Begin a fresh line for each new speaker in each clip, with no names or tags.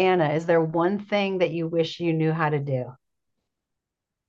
Anna, is there one thing that you wish you knew how to do?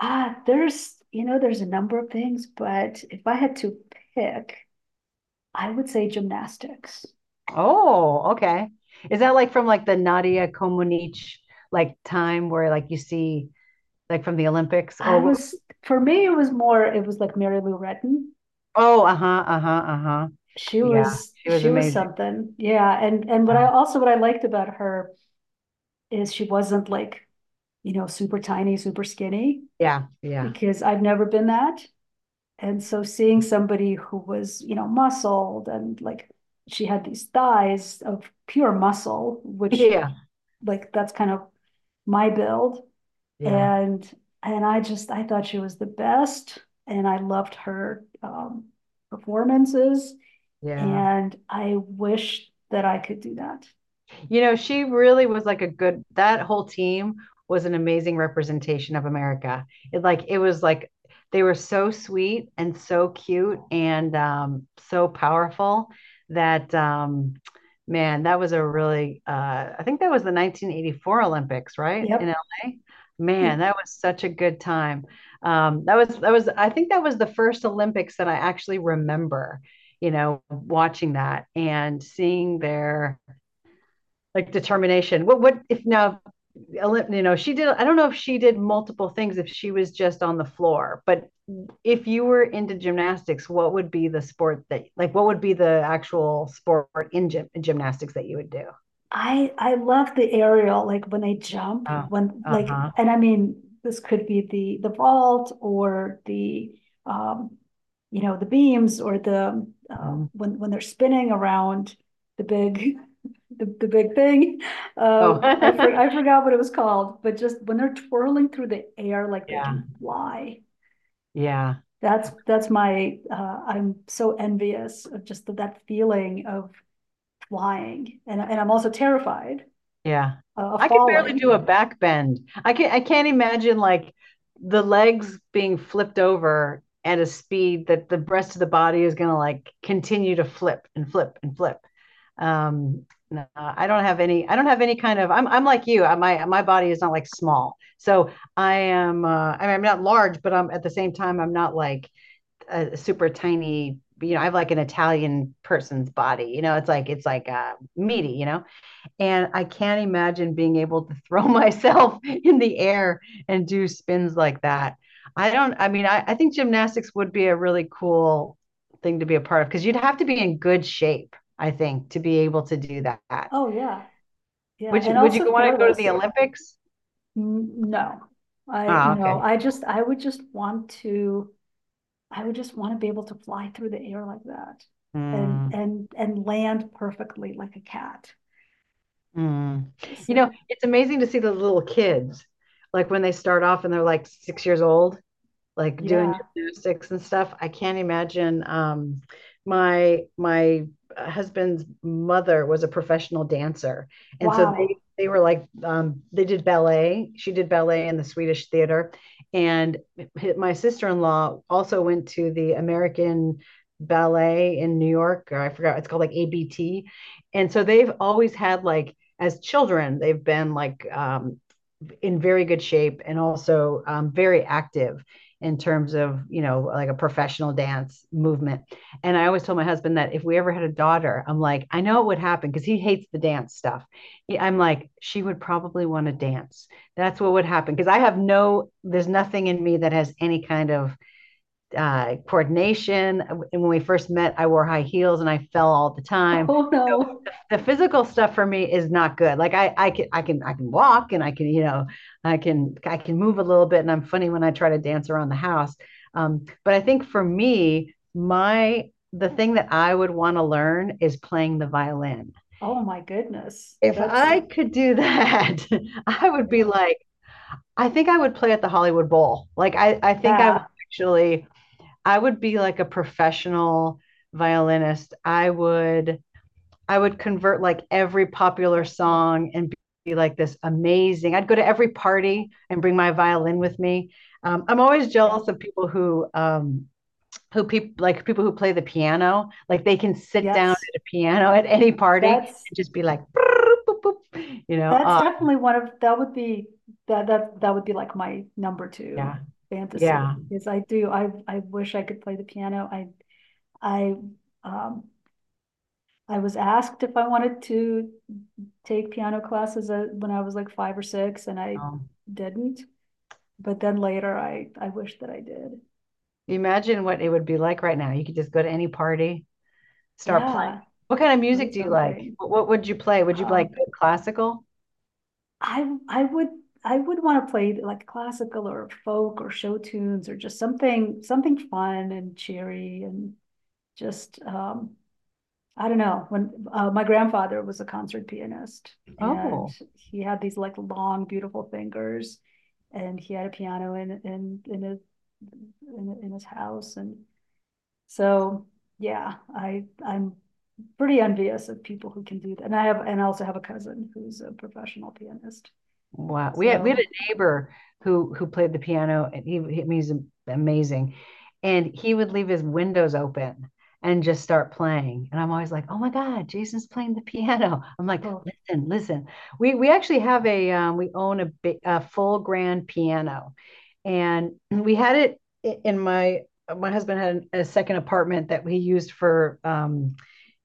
Ah, there's, there's a number of things, but if I had to pick, I would say gymnastics.
Oh, okay. Is that like from like the Nadia Comaneci like time where like you see like from the Olympics
I
or
was, for me, it was more, it was like Mary Lou Retton.
oh, uh-huh, uh-huh, uh-huh. Yeah, she was
She was
amazing.
something. Yeah. And what I also, what I liked about her is she wasn't like, super tiny, super skinny,
Yeah, yeah, yeah,
because I've never been that. And so seeing somebody who was, muscled and like she had these thighs of pure muscle, which
yeah,
like that's kind of my build,
yeah,
and and I thought she was the best, and I loved her performances,
yeah.
and I wish that I could do that.
You know, she really was like a good, that whole team was an amazing representation of America. It like it was like they were so sweet and so cute and so powerful that, man, that was a really I think that was the 1984 Olympics, right? In
Yep,
LA. Man,
it,
that was such a good time. That was I think that was the first Olympics that I actually remember, you know, watching that and seeing their like determination. What, if now, you know, she did, I don't know if she did multiple things, if she was just on the floor. But if you were into gymnastics, what would be the sport that like what would be the actual sport in, gym, in gymnastics that you would do?
I love the aerial, like when they jump,
Oh,
when like, and
uh-huh.
I mean, this could be the vault or the um, you know, the beams or the
Mhm.
when they're spinning around the big the big thing. Uh,
Oh.
I forgot what it was called, but just when they're twirling through the air like they
yeah.
can fly.
Yeah.
That's my I'm so envious of just that feeling of flying, and I'm also terrified
Yeah. I could barely do
falling.
a back bend. I can't imagine like the legs being flipped over at a speed that the rest of the body is gonna like continue to flip and flip and flip. Um, no, I don't have any kind of, I'm like you. I, my body is not like small. So I am I mean, I'm not large, but I'm at the same time I'm not like a super tiny, you know. I have like an Italian person's body. You know, it's like it's like meaty, you know. And I can't imagine being able to throw myself in the air and do spins like that. I don't, I mean, I think gymnastics would be a really cool thing to be a part of because you'd have to be in good shape, I think, to be able to do that.
Oh yeah, yeah,
Would you
and
would you
also
want to go to the
fearless.
Olympics?
No, I
Oh,
no,
okay.
I would just want to, I would just want to be able to fly through the air like that,
Mm,
and land perfectly like a cat.
mm. You know,
So
it's amazing to see the little kids, like when they start off and they're like six years old like doing
yeah,
gymnastics and stuff. I can't imagine. My husband's mother was a professional dancer, and so
wow.
they were like they did ballet. She did ballet in the Swedish theater, and my sister in law also went to the American ballet in New York, or I forgot it's called like ABT. And so they've always had like as children they've been like, in very good shape and also very active in terms of, you know, like a professional dance movement. And I always told my husband that if we ever had a daughter, I'm like, I know it would happen because he hates the dance stuff. I'm like, she would probably want to dance. That's what would happen, because I have no, there's nothing in me that has any kind of coordination. And when we first met, I wore high heels and I fell all the time.
Oh no.
The physical stuff for me is not good. Like I, I can walk and I can, you know, I can move a little bit, and I'm funny when I try to dance around the house. But I think for me, my, the thing that I would want to learn is playing the violin.
Oh my goodness.
If
That's
I could do that, I would be
yeah,
like, I think I would play at the Hollywood Bowl. Like I think I would
yeah,
actually, I would be like a professional violinist. I would convert like every popular
yeah,
song and be like this amazing. I'd go to every
yeah,
party and bring my violin with me. I'm always
yeah.
jealous of people who people who play the piano. Like they can sit down
Yes,
at a piano at any party
that's
and just be like, you know,
that's definitely one of, that would be, that would be like my number two
yeah,
fantasy,
yeah.
because I wish I could play the piano. I um I was asked if I wanted to take piano classes when I was like five or six, and I
Um,
didn't. But then later I wish that I did.
imagine what it would be like right now. You could just go to any party, start playing.
Yeah,
What kind of
play
music do you like?
something.
What would you play? Would you like
Um
classical?
I would, I would want to play like classical or folk or show tunes or just something fun and cheery and just, I don't know, when, my grandfather was a concert pianist, and
Oh.
he had these like long, beautiful fingers, and he had a piano in, in his, in his house. And so, yeah, I'm pretty envious of people who can do that. And I have, and I also have a cousin who's a professional pianist.
Wow. We had
So,
a neighbor who played the piano, and he's amazing. And he would leave his windows open and just start playing. And I'm always like, "Oh my God, Jason's playing the piano." I'm like,
oh,
"Listen, listen." We actually have a we own a, bi- a full grand piano. And we had it I- in my my husband had an- a second apartment that we used um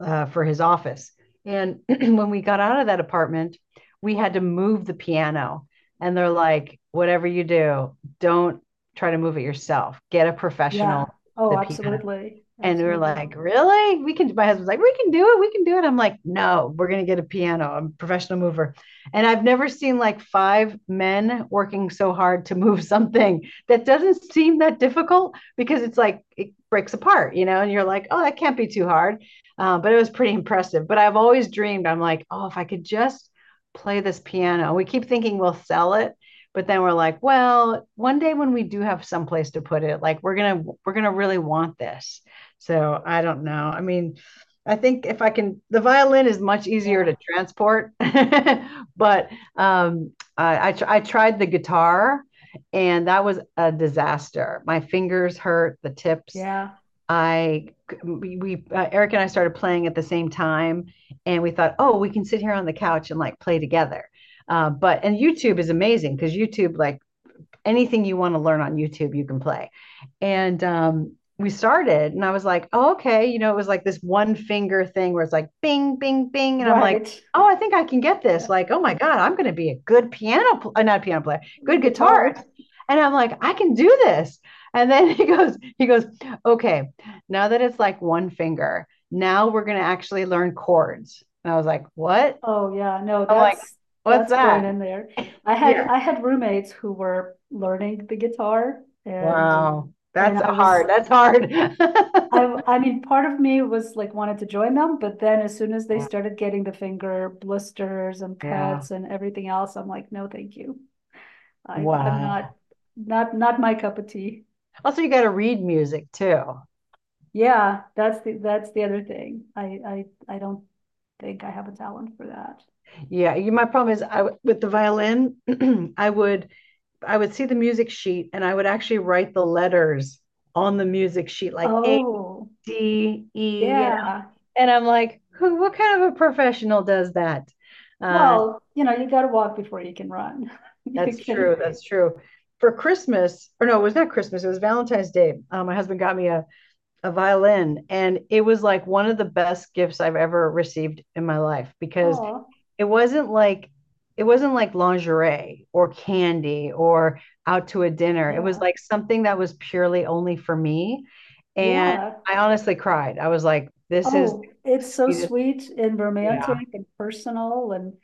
uh, for his office. And when we got out of that apartment, we had to move the piano. And they're like, whatever you do, don't try to move it yourself. Get a
yeah.
professional,
Oh,
the piano.
absolutely.
And we were
Absolutely.
like, really? We can, my husband's like, we can do it. We can do it. I'm like, no, we're going to get a piano. I'm a professional mover. And I've never seen like five men working so hard to move something that doesn't seem that difficult, because it's like, it breaks apart, you know, and you're like, oh, that can't be too hard. But it was pretty impressive. But I've always dreamed, I'm like, oh, if I could just play this piano. We keep thinking we'll sell it, but then we're like, well, one day when we do have someplace to put it, like, we're gonna really want this. So I don't know. I mean, I think if I can, the violin is much easier
Yeah.
to transport, but I, tr- I tried the guitar, and that was a disaster. My fingers hurt, the tips.
Yeah.
I we Eric and I started playing at the same time, and we thought, oh, we can sit here on the couch and like play together. But and YouTube is amazing, because YouTube like anything you want to learn on YouTube, you can play. And we started, and I was like, oh, okay. You know, it was like this one finger thing where it's like bing, bing, bing. And I'm like,
Right.
oh, I think I can get this.
Yeah.
Like, oh my God, I'm going to be a good piano, pl- not a piano player, good guitarist.
Guitar.
And I'm like, I can do this. And then he goes, okay, now that it's like one finger, now we're going to actually learn chords. And I was like, what?
Oh yeah, no,
I'm like, what's
that's going
that?
in there.
Yeah.
I had roommates who were learning the guitar, and
Wow.
and
That's
I was
hard. That's hard.
I mean, part of me was like wanted to join them, but then as soon as they
Yeah,
started getting the finger blisters and
yeah.
cuts and everything else, I'm like, no, thank you. I'm not,
Wow.
not my cup of tea.
Also, you got to read music too.
Yeah, that's the other thing. I don't think I have a talent for that.
Yeah, you, my problem is I w- with the violin, I would I would see the music sheet and I would actually write the letters on the music sheet like A,
Oh,
D, E, you know.
yeah.
And I'm like, who, what kind of a professional does that? Uh,
Well, you know, you got to walk before you can run. You
that's
can,
true. That's true. For Christmas, or no, it was not Christmas, it was Valentine's Day. My husband got me a violin, and it was like one of the best gifts I've ever received in my life, because
oh,
it wasn't like it wasn't like lingerie or candy or out to a dinner. It was
yeah,
like something that was purely only for me. And
yeah.
I honestly cried. I was like, this is the
Oh, it's so
sweetest.
sweet and
Yeah.
romantic and personal, and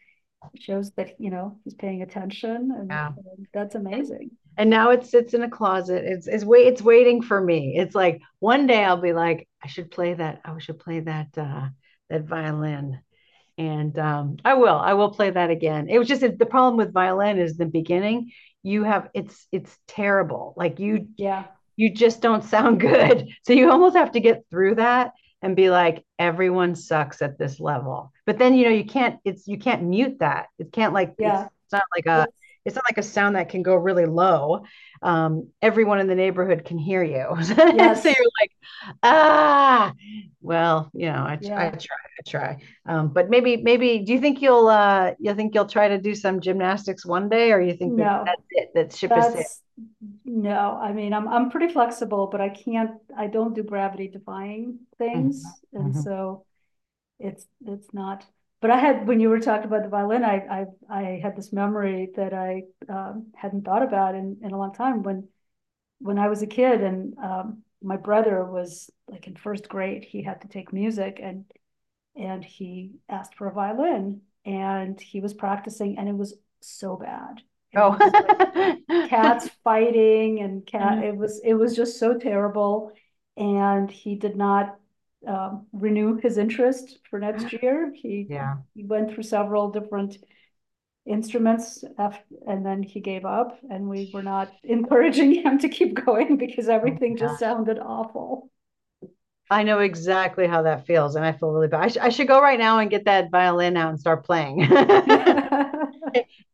shows that, you know, he's paying attention,
Yeah.
and that's amazing.
And now it sits in a closet. It's waiting for me. It's like one day I'll be like, I should play that. That violin. And I will play that again. It was just the problem with violin is the beginning. You have it's terrible. Like
Yeah,
you just don't sound good. So you almost have to get through that, and be like, everyone sucks at this level. But then, you know, you can't, it's you can't mute that. It can't like
yeah.
not like a
It's
it's not like a sound that can go really low. Everyone in the neighborhood can hear you. so you're
yes,
Ah, well, you know, I
yeah.
try, I try. But maybe, maybe, do you think you'll try to do some gymnastics one day, or you think that
No,
that's it, that ship is sailed?
that's no. I mean, I'm pretty flexible, but I don't do gravity defying
Mhm,
things. And
mhm.
so it's not. But I had, when you were talking about the violin, I had this memory that I hadn't thought about in a long time, when I was a kid, and my brother was like in first grade, he had to take music, and he asked for a violin, and he was practicing, and it was so bad. It
Oh,
was like cats fighting and cat it was just so terrible, and he did not renew his interest for next year.
yeah.
He went through several different instruments after, and then he gave up, and we were not encouraging him to keep going because
Oh my
everything just
gosh.
sounded awful.
I know exactly how that feels, and I feel really bad. I, sh- I should go right now and get that violin out and start playing.
yeah,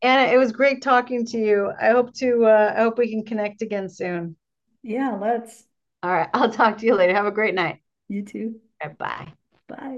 Anna, it was great talking to you. I hope to, I hope we can connect again soon.
let's.
All right, I'll talk to you later. Have a great night.
You too.
Bye.
Bye.